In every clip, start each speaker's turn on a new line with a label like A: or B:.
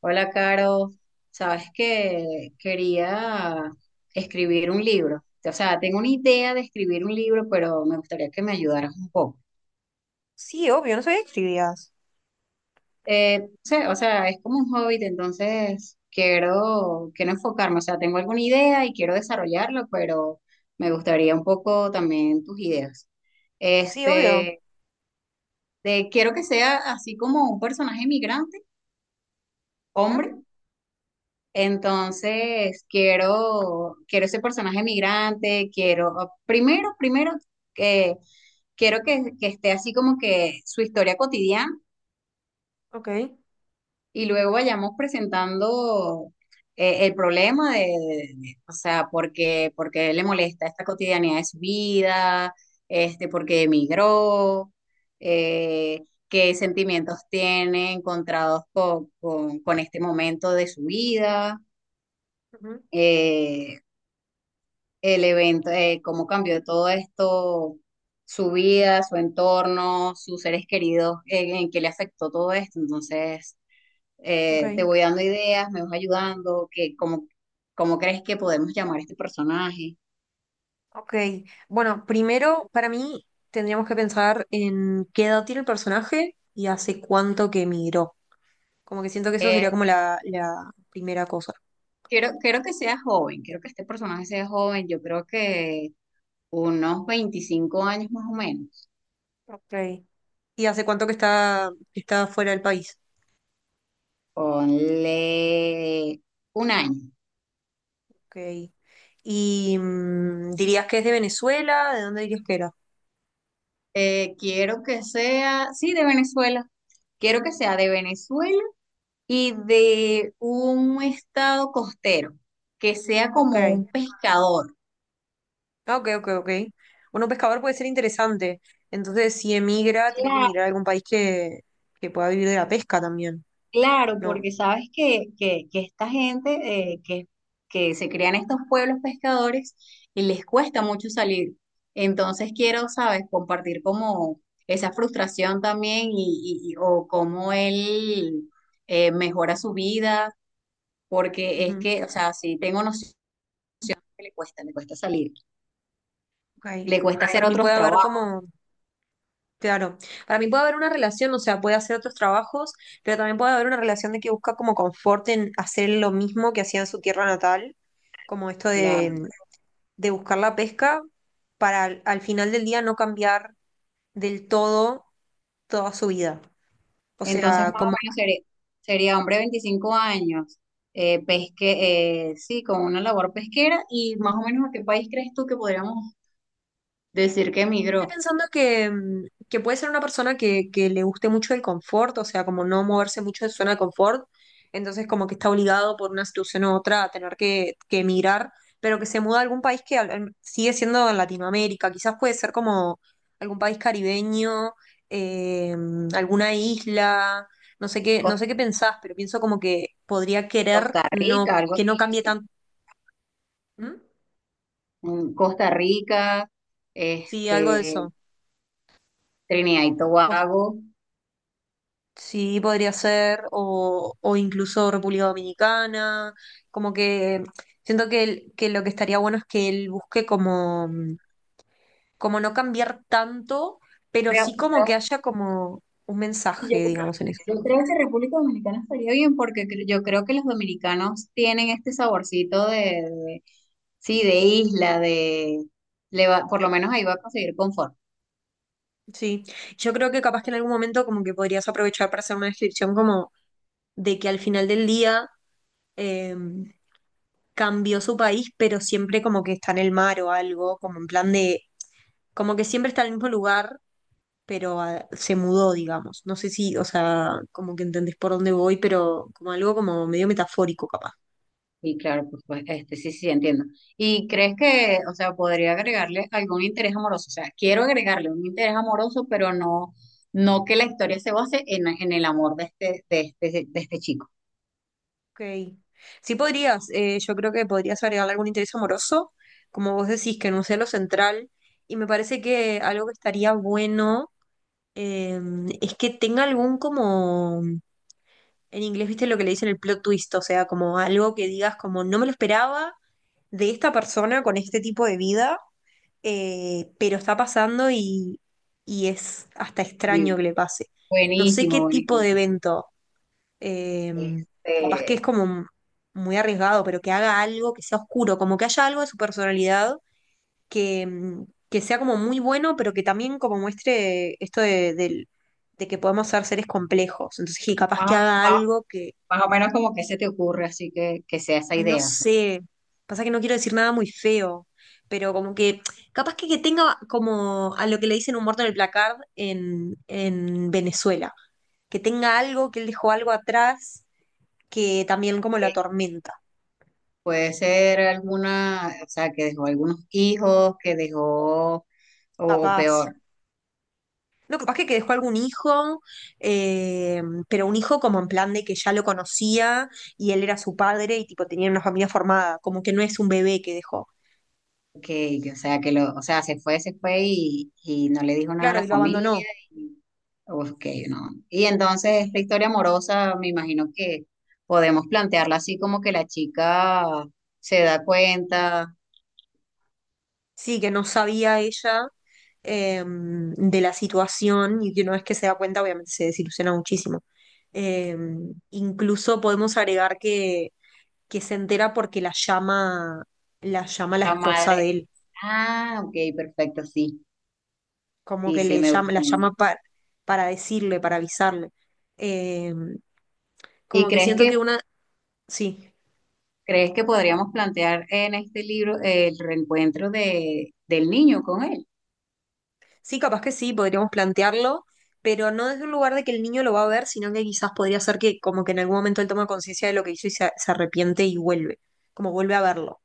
A: Hola, Caro. Sabes que quería escribir un libro. O sea, tengo una idea de escribir un libro, pero me gustaría que me ayudaras un poco.
B: Sí, obvio, no sabía que escribías.
A: Es como un hobby, entonces quiero enfocarme. O sea, tengo alguna idea y quiero desarrollarlo, pero me gustaría un poco también tus ideas.
B: Sí, obvio.
A: Este, Quiero que sea así como un personaje migrante,
B: Ujú.
A: hombre. Entonces, quiero ese personaje migrante, quiero, primero, que quiero que esté así como que su historia cotidiana,
B: Ok,
A: y luego vayamos presentando el problema o sea, por qué le molesta esta cotidianidad de su vida, este, por qué emigró, eh, qué sentimientos tiene encontrados con este momento de su vida.
B: ujú,
A: Eh, el evento, cómo cambió todo esto, su vida, su entorno, sus seres queridos, en qué le afectó todo esto. Entonces,
B: ok,
A: te voy dando ideas, me vas ayudando, cómo, cómo crees que podemos llamar a este personaje.
B: ok. Bueno, primero, para mí, tendríamos que pensar en qué edad tiene el personaje y hace cuánto que emigró. Como que siento que eso
A: Eh,
B: sería como la primera cosa.
A: Quiero que sea joven, quiero que este personaje sea joven, yo creo que unos 25 años más o menos,
B: Ok. ¿Y hace cuánto que está fuera del país?
A: ponle un año.
B: Ok. ¿Y mm, dirías que es de Venezuela? ¿De dónde dirías que era?
A: Quiero que sea, sí, de Venezuela. Quiero que sea de Venezuela y de un estado costero, que sea
B: Ok.
A: como un pescador.
B: Ah, ok, ok, ok. Bueno, un pescador puede ser interesante. Entonces, si emigra, tiene que
A: Cla-
B: mirar a algún país que pueda vivir de la pesca también,
A: Claro,
B: ¿no?
A: porque sabes que esta gente que se crean estos pueblos pescadores y les cuesta mucho salir. Entonces quiero, sabes, compartir como esa frustración también o cómo él mejora su vida porque es
B: Ujú,
A: que, o sea, si tengo noción que le cuesta salir,
B: ok.
A: le cuesta
B: Para
A: hacer
B: mí
A: otros
B: puede haber
A: trabajos.
B: como, claro, para mí puede haber una relación, o sea, puede hacer otros trabajos, pero también puede haber una relación de que busca como confort en hacer lo mismo que hacía en su tierra natal, como esto
A: Claro.
B: de buscar la pesca para al final del día no cambiar del todo toda su vida. O
A: Entonces,
B: sea,
A: más o
B: como
A: menos sería, sería hombre de 25 años, sí, con una labor pesquera, y más o menos ¿a qué país crees tú que podríamos decir que
B: estoy
A: emigró?
B: pensando que, mm, que puede ser una persona que le guste mucho el confort, o sea, como no moverse mucho de su zona de confort, entonces como que está obligado por una situación u otra a tener que emigrar, pero que se muda a algún país que sigue siendo en Latinoamérica, quizás puede ser como algún país caribeño, eh, alguna isla, no sé qué, no
A: Cos-
B: sé qué pensás, pero pienso como que podría querer
A: Costa Rica,
B: no,
A: algo
B: que no cambie
A: así.
B: tanto. ¿Mm?
A: Mm, Costa Rica,
B: Sí, algo de
A: este,
B: eso.
A: Trinidad y Tobago.
B: Sí, podría ser, o incluso República Dominicana, como que siento que, que lo que estaría bueno es que él busque como, como no cambiar tanto, pero
A: Creo,
B: sí como
A: creo,
B: que haya como un
A: Yo
B: mensaje,
A: creo,
B: digamos, en eso.
A: yo creo que República Dominicana estaría bien porque yo creo que los dominicanos tienen este saborcito de- sí, de isla, de, por lo menos ahí va a conseguir confort.
B: Sí, yo creo que capaz que en algún momento como que podrías aprovechar para hacer una descripción como de que al final del día eh, cambió su país, pero siempre como que está en el mar o algo, como en plan de, como que siempre está en el mismo lugar pero ah, se mudó, digamos. No sé si, o sea, como que entendés por dónde voy, pero como algo como medio metafórico, capaz.
A: Y claro, pues, pues, este, sí, sí, entiendo. ¿Y crees que, o sea, podría agregarle algún interés amoroso? O sea, quiero agregarle un interés amoroso, pero no, no que la historia se base en el amor de de este chico.
B: Ok. Sí podrías, yo creo que podrías agregarle algún interés amoroso, como vos decís, que no sea lo central, y me parece que algo que estaría bueno eh, es que tenga algún como, en inglés, viste lo que le dicen el plot twist, o sea, como algo que digas como no me lo esperaba de esta persona con este tipo de vida, pero está pasando y es hasta extraño
A: Y
B: que le pase. No sé qué tipo
A: buenísimo.
B: de evento, eh, capaz que es
A: Este,
B: como muy arriesgado, pero que haga algo que sea oscuro, como que haya algo de su personalidad que, mm, que sea como muy bueno, pero que también como muestre esto de de que podemos ser seres complejos. Entonces, sí, capaz que haga algo que...
A: más o menos como que se te ocurre, así que sea esa
B: Ay, no
A: idea. O sea,
B: sé. Pasa que no quiero decir nada muy feo, pero como que capaz que tenga como a lo que le dicen un muerto en el placard en Venezuela, que tenga algo, que él dejó algo atrás que también como lo
A: que
B: atormenta.
A: puede ser alguna, o sea, que dejó algunos hijos, que dejó, o
B: Capaz.
A: peor,
B: No, capaz que dejó algún hijo, eh, pero un hijo como en plan de que ya lo conocía y él era su padre y tipo tenían una familia formada, como que no es un bebé que dejó.
A: o sea, o sea, se fue y no le dijo nada a
B: Claro,
A: la
B: y lo
A: familia.
B: abandonó.
A: Y ok, no. Y entonces
B: Sí.
A: esta historia amorosa, me imagino que podemos plantearla así como que la chica se da cuenta,
B: Sí, que no sabía ella de la situación y que una vez que se da cuenta, obviamente se desilusiona muchísimo. Eh, Incluso podemos agregar que se entera porque la llama, la llama la
A: la
B: esposa
A: madre,
B: de él,
A: ah, ok, perfecto, sí,
B: como
A: sí,
B: que
A: sí,
B: le
A: me
B: llama, la
A: gusta.
B: llama para decirle, para avisarle. Eh,
A: ¿Y
B: Como que
A: crees
B: siento
A: que
B: que una... Sí.
A: ¿Crees que podríamos plantear en este libro el reencuentro de, del niño con él?
B: Sí, capaz que sí, podríamos plantearlo, pero no desde un lugar de que el niño lo va a ver, sino que quizás podría ser que como que en algún momento él toma conciencia de lo que hizo y se arrepiente y vuelve, como vuelve a verlo.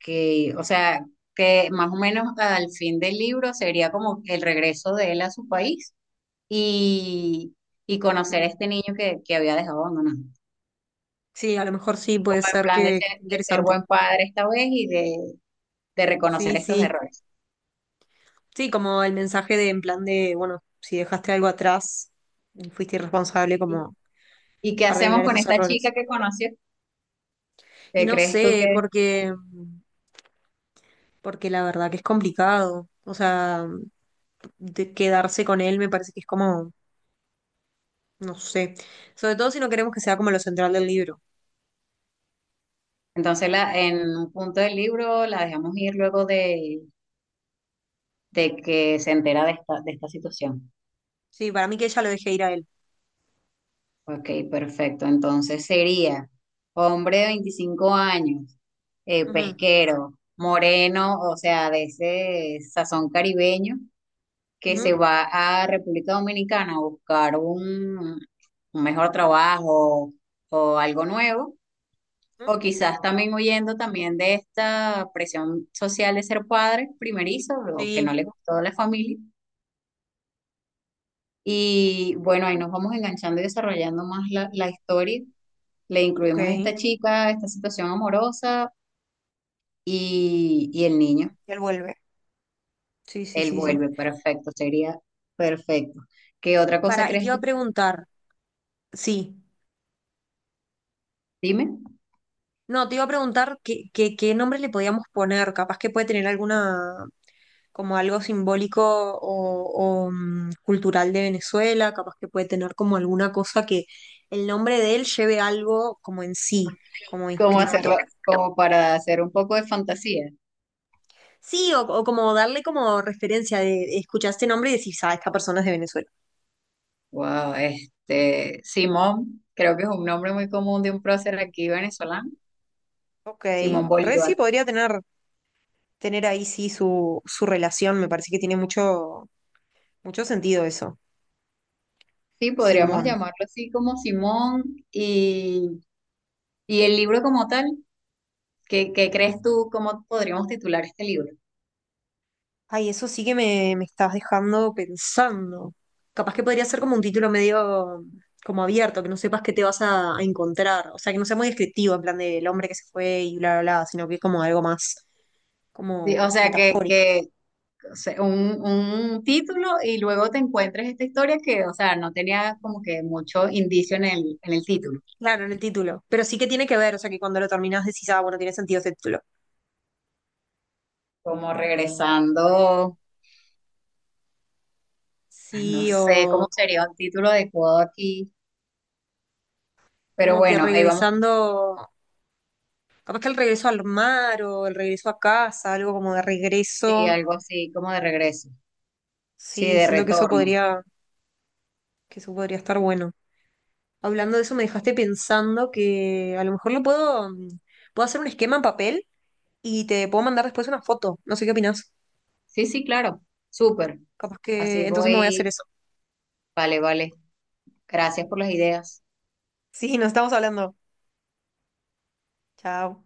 A: Que, o sea, que más o menos al fin del libro sería como el regreso de él a su país y, y conocer a
B: Mm.
A: este niño que había dejado abandonado.
B: Sí, a lo mejor sí,
A: Como
B: puede
A: en
B: ser
A: plan
B: que esté
A: de ser
B: interesante.
A: buen padre esta vez y de reconocer
B: Sí,
A: estos
B: sí,
A: errores.
B: sí, como el mensaje de en plan de, bueno, si dejaste algo atrás y fuiste irresponsable,
A: ¿Y,
B: como
A: y qué hacemos
B: arreglar
A: con
B: esos
A: esta chica
B: errores.
A: que conoció?
B: Y
A: ¿Qué
B: no
A: crees tú
B: sé,
A: que...
B: porque, porque la verdad que es complicado, o sea, de quedarse con él me parece que es como... No sé. Sobre todo si no queremos que sea como lo central del libro.
A: Entonces la, en un punto del libro la dejamos ir luego de que se entera de esta situación.
B: Sí, para mí que ella lo deje ir a él.
A: Ok, perfecto. Entonces sería hombre de 25 años,
B: Ujú,
A: pesquero, moreno, o sea, de ese sazón caribeño, que se
B: ujú,
A: va a República Dominicana a buscar un mejor trabajo o algo nuevo,
B: ujú.
A: o quizás también huyendo también de esta presión social de ser padre primerizo, o que no
B: Sí,
A: le gustó la familia. Y bueno, ahí nos vamos enganchando y desarrollando más la, la historia. Le
B: ok.
A: incluimos a esta
B: Y
A: chica, esta situación amorosa y el niño.
B: él vuelve. Sí, sí,
A: Él
B: sí, sí.
A: vuelve, perfecto, sería perfecto. ¿Qué otra cosa
B: Para, y te
A: crees
B: iba
A: tú?
B: a preguntar, sí.
A: Dime,
B: No, te iba a preguntar qué, qué, qué nombre le podíamos poner. Capaz que puede tener alguna, como algo simbólico o, mm, cultural de Venezuela, capaz que puede tener como alguna cosa que el nombre de él lleve algo como en sí, como
A: ¿cómo hacerlo?
B: inscripto.
A: Como para hacer un poco de fantasía.
B: Sí, o como darle como referencia de escuchar este nombre y decir, ah, esta persona es de Venezuela.
A: Wow, este, Simón, creo que es un nombre muy común de un prócer aquí venezolano,
B: Ok,
A: Simón
B: re sí
A: Bolívar.
B: podría tener, tener ahí sí su relación, me parece que tiene mucho, mucho sentido eso,
A: Sí, podríamos
B: Simón.
A: llamarlo así como Simón, y, y el libro como tal. ¿Qué, qué
B: Uf.
A: crees tú, cómo podríamos titular este libro?
B: Ay, eso sí que me estás dejando pensando. Capaz que podría ser como un título medio como abierto, que no sepas qué te vas a encontrar. O sea, que no sea muy descriptivo en plan del hombre que se fue y bla, bla, bla, sino que es como algo más
A: Sí, o
B: como
A: sea,
B: metafórico.
A: que o sea, un título y luego te encuentres esta historia que, o sea, no tenía como que mucho indicio en el título.
B: Claro, en el título. Pero sí que tiene que ver, o sea, que cuando lo terminas decís, ah, bueno, tiene sentido ese título.
A: Como regresando, ay, no
B: Sí,
A: sé cómo
B: o
A: sería un título adecuado aquí, pero
B: como que
A: bueno, ahí vamos,
B: regresando, capaz que el regreso al mar o el regreso a casa, algo como de
A: sí,
B: regreso.
A: algo así como de regreso, sí,
B: Sí,
A: de
B: siento
A: retorno.
B: que eso podría estar bueno. Hablando de eso, me dejaste pensando que a lo mejor lo puedo, mm, puedo hacer un esquema en papel y te puedo mandar después una foto. No sé qué opinás.
A: Sí, sí, claro, súper.
B: Capaz
A: Así
B: que entonces me voy a hacer
A: voy,
B: eso.
A: vale, vale. Gracias por las ideas.
B: Sí, nos estamos hablando. Chao.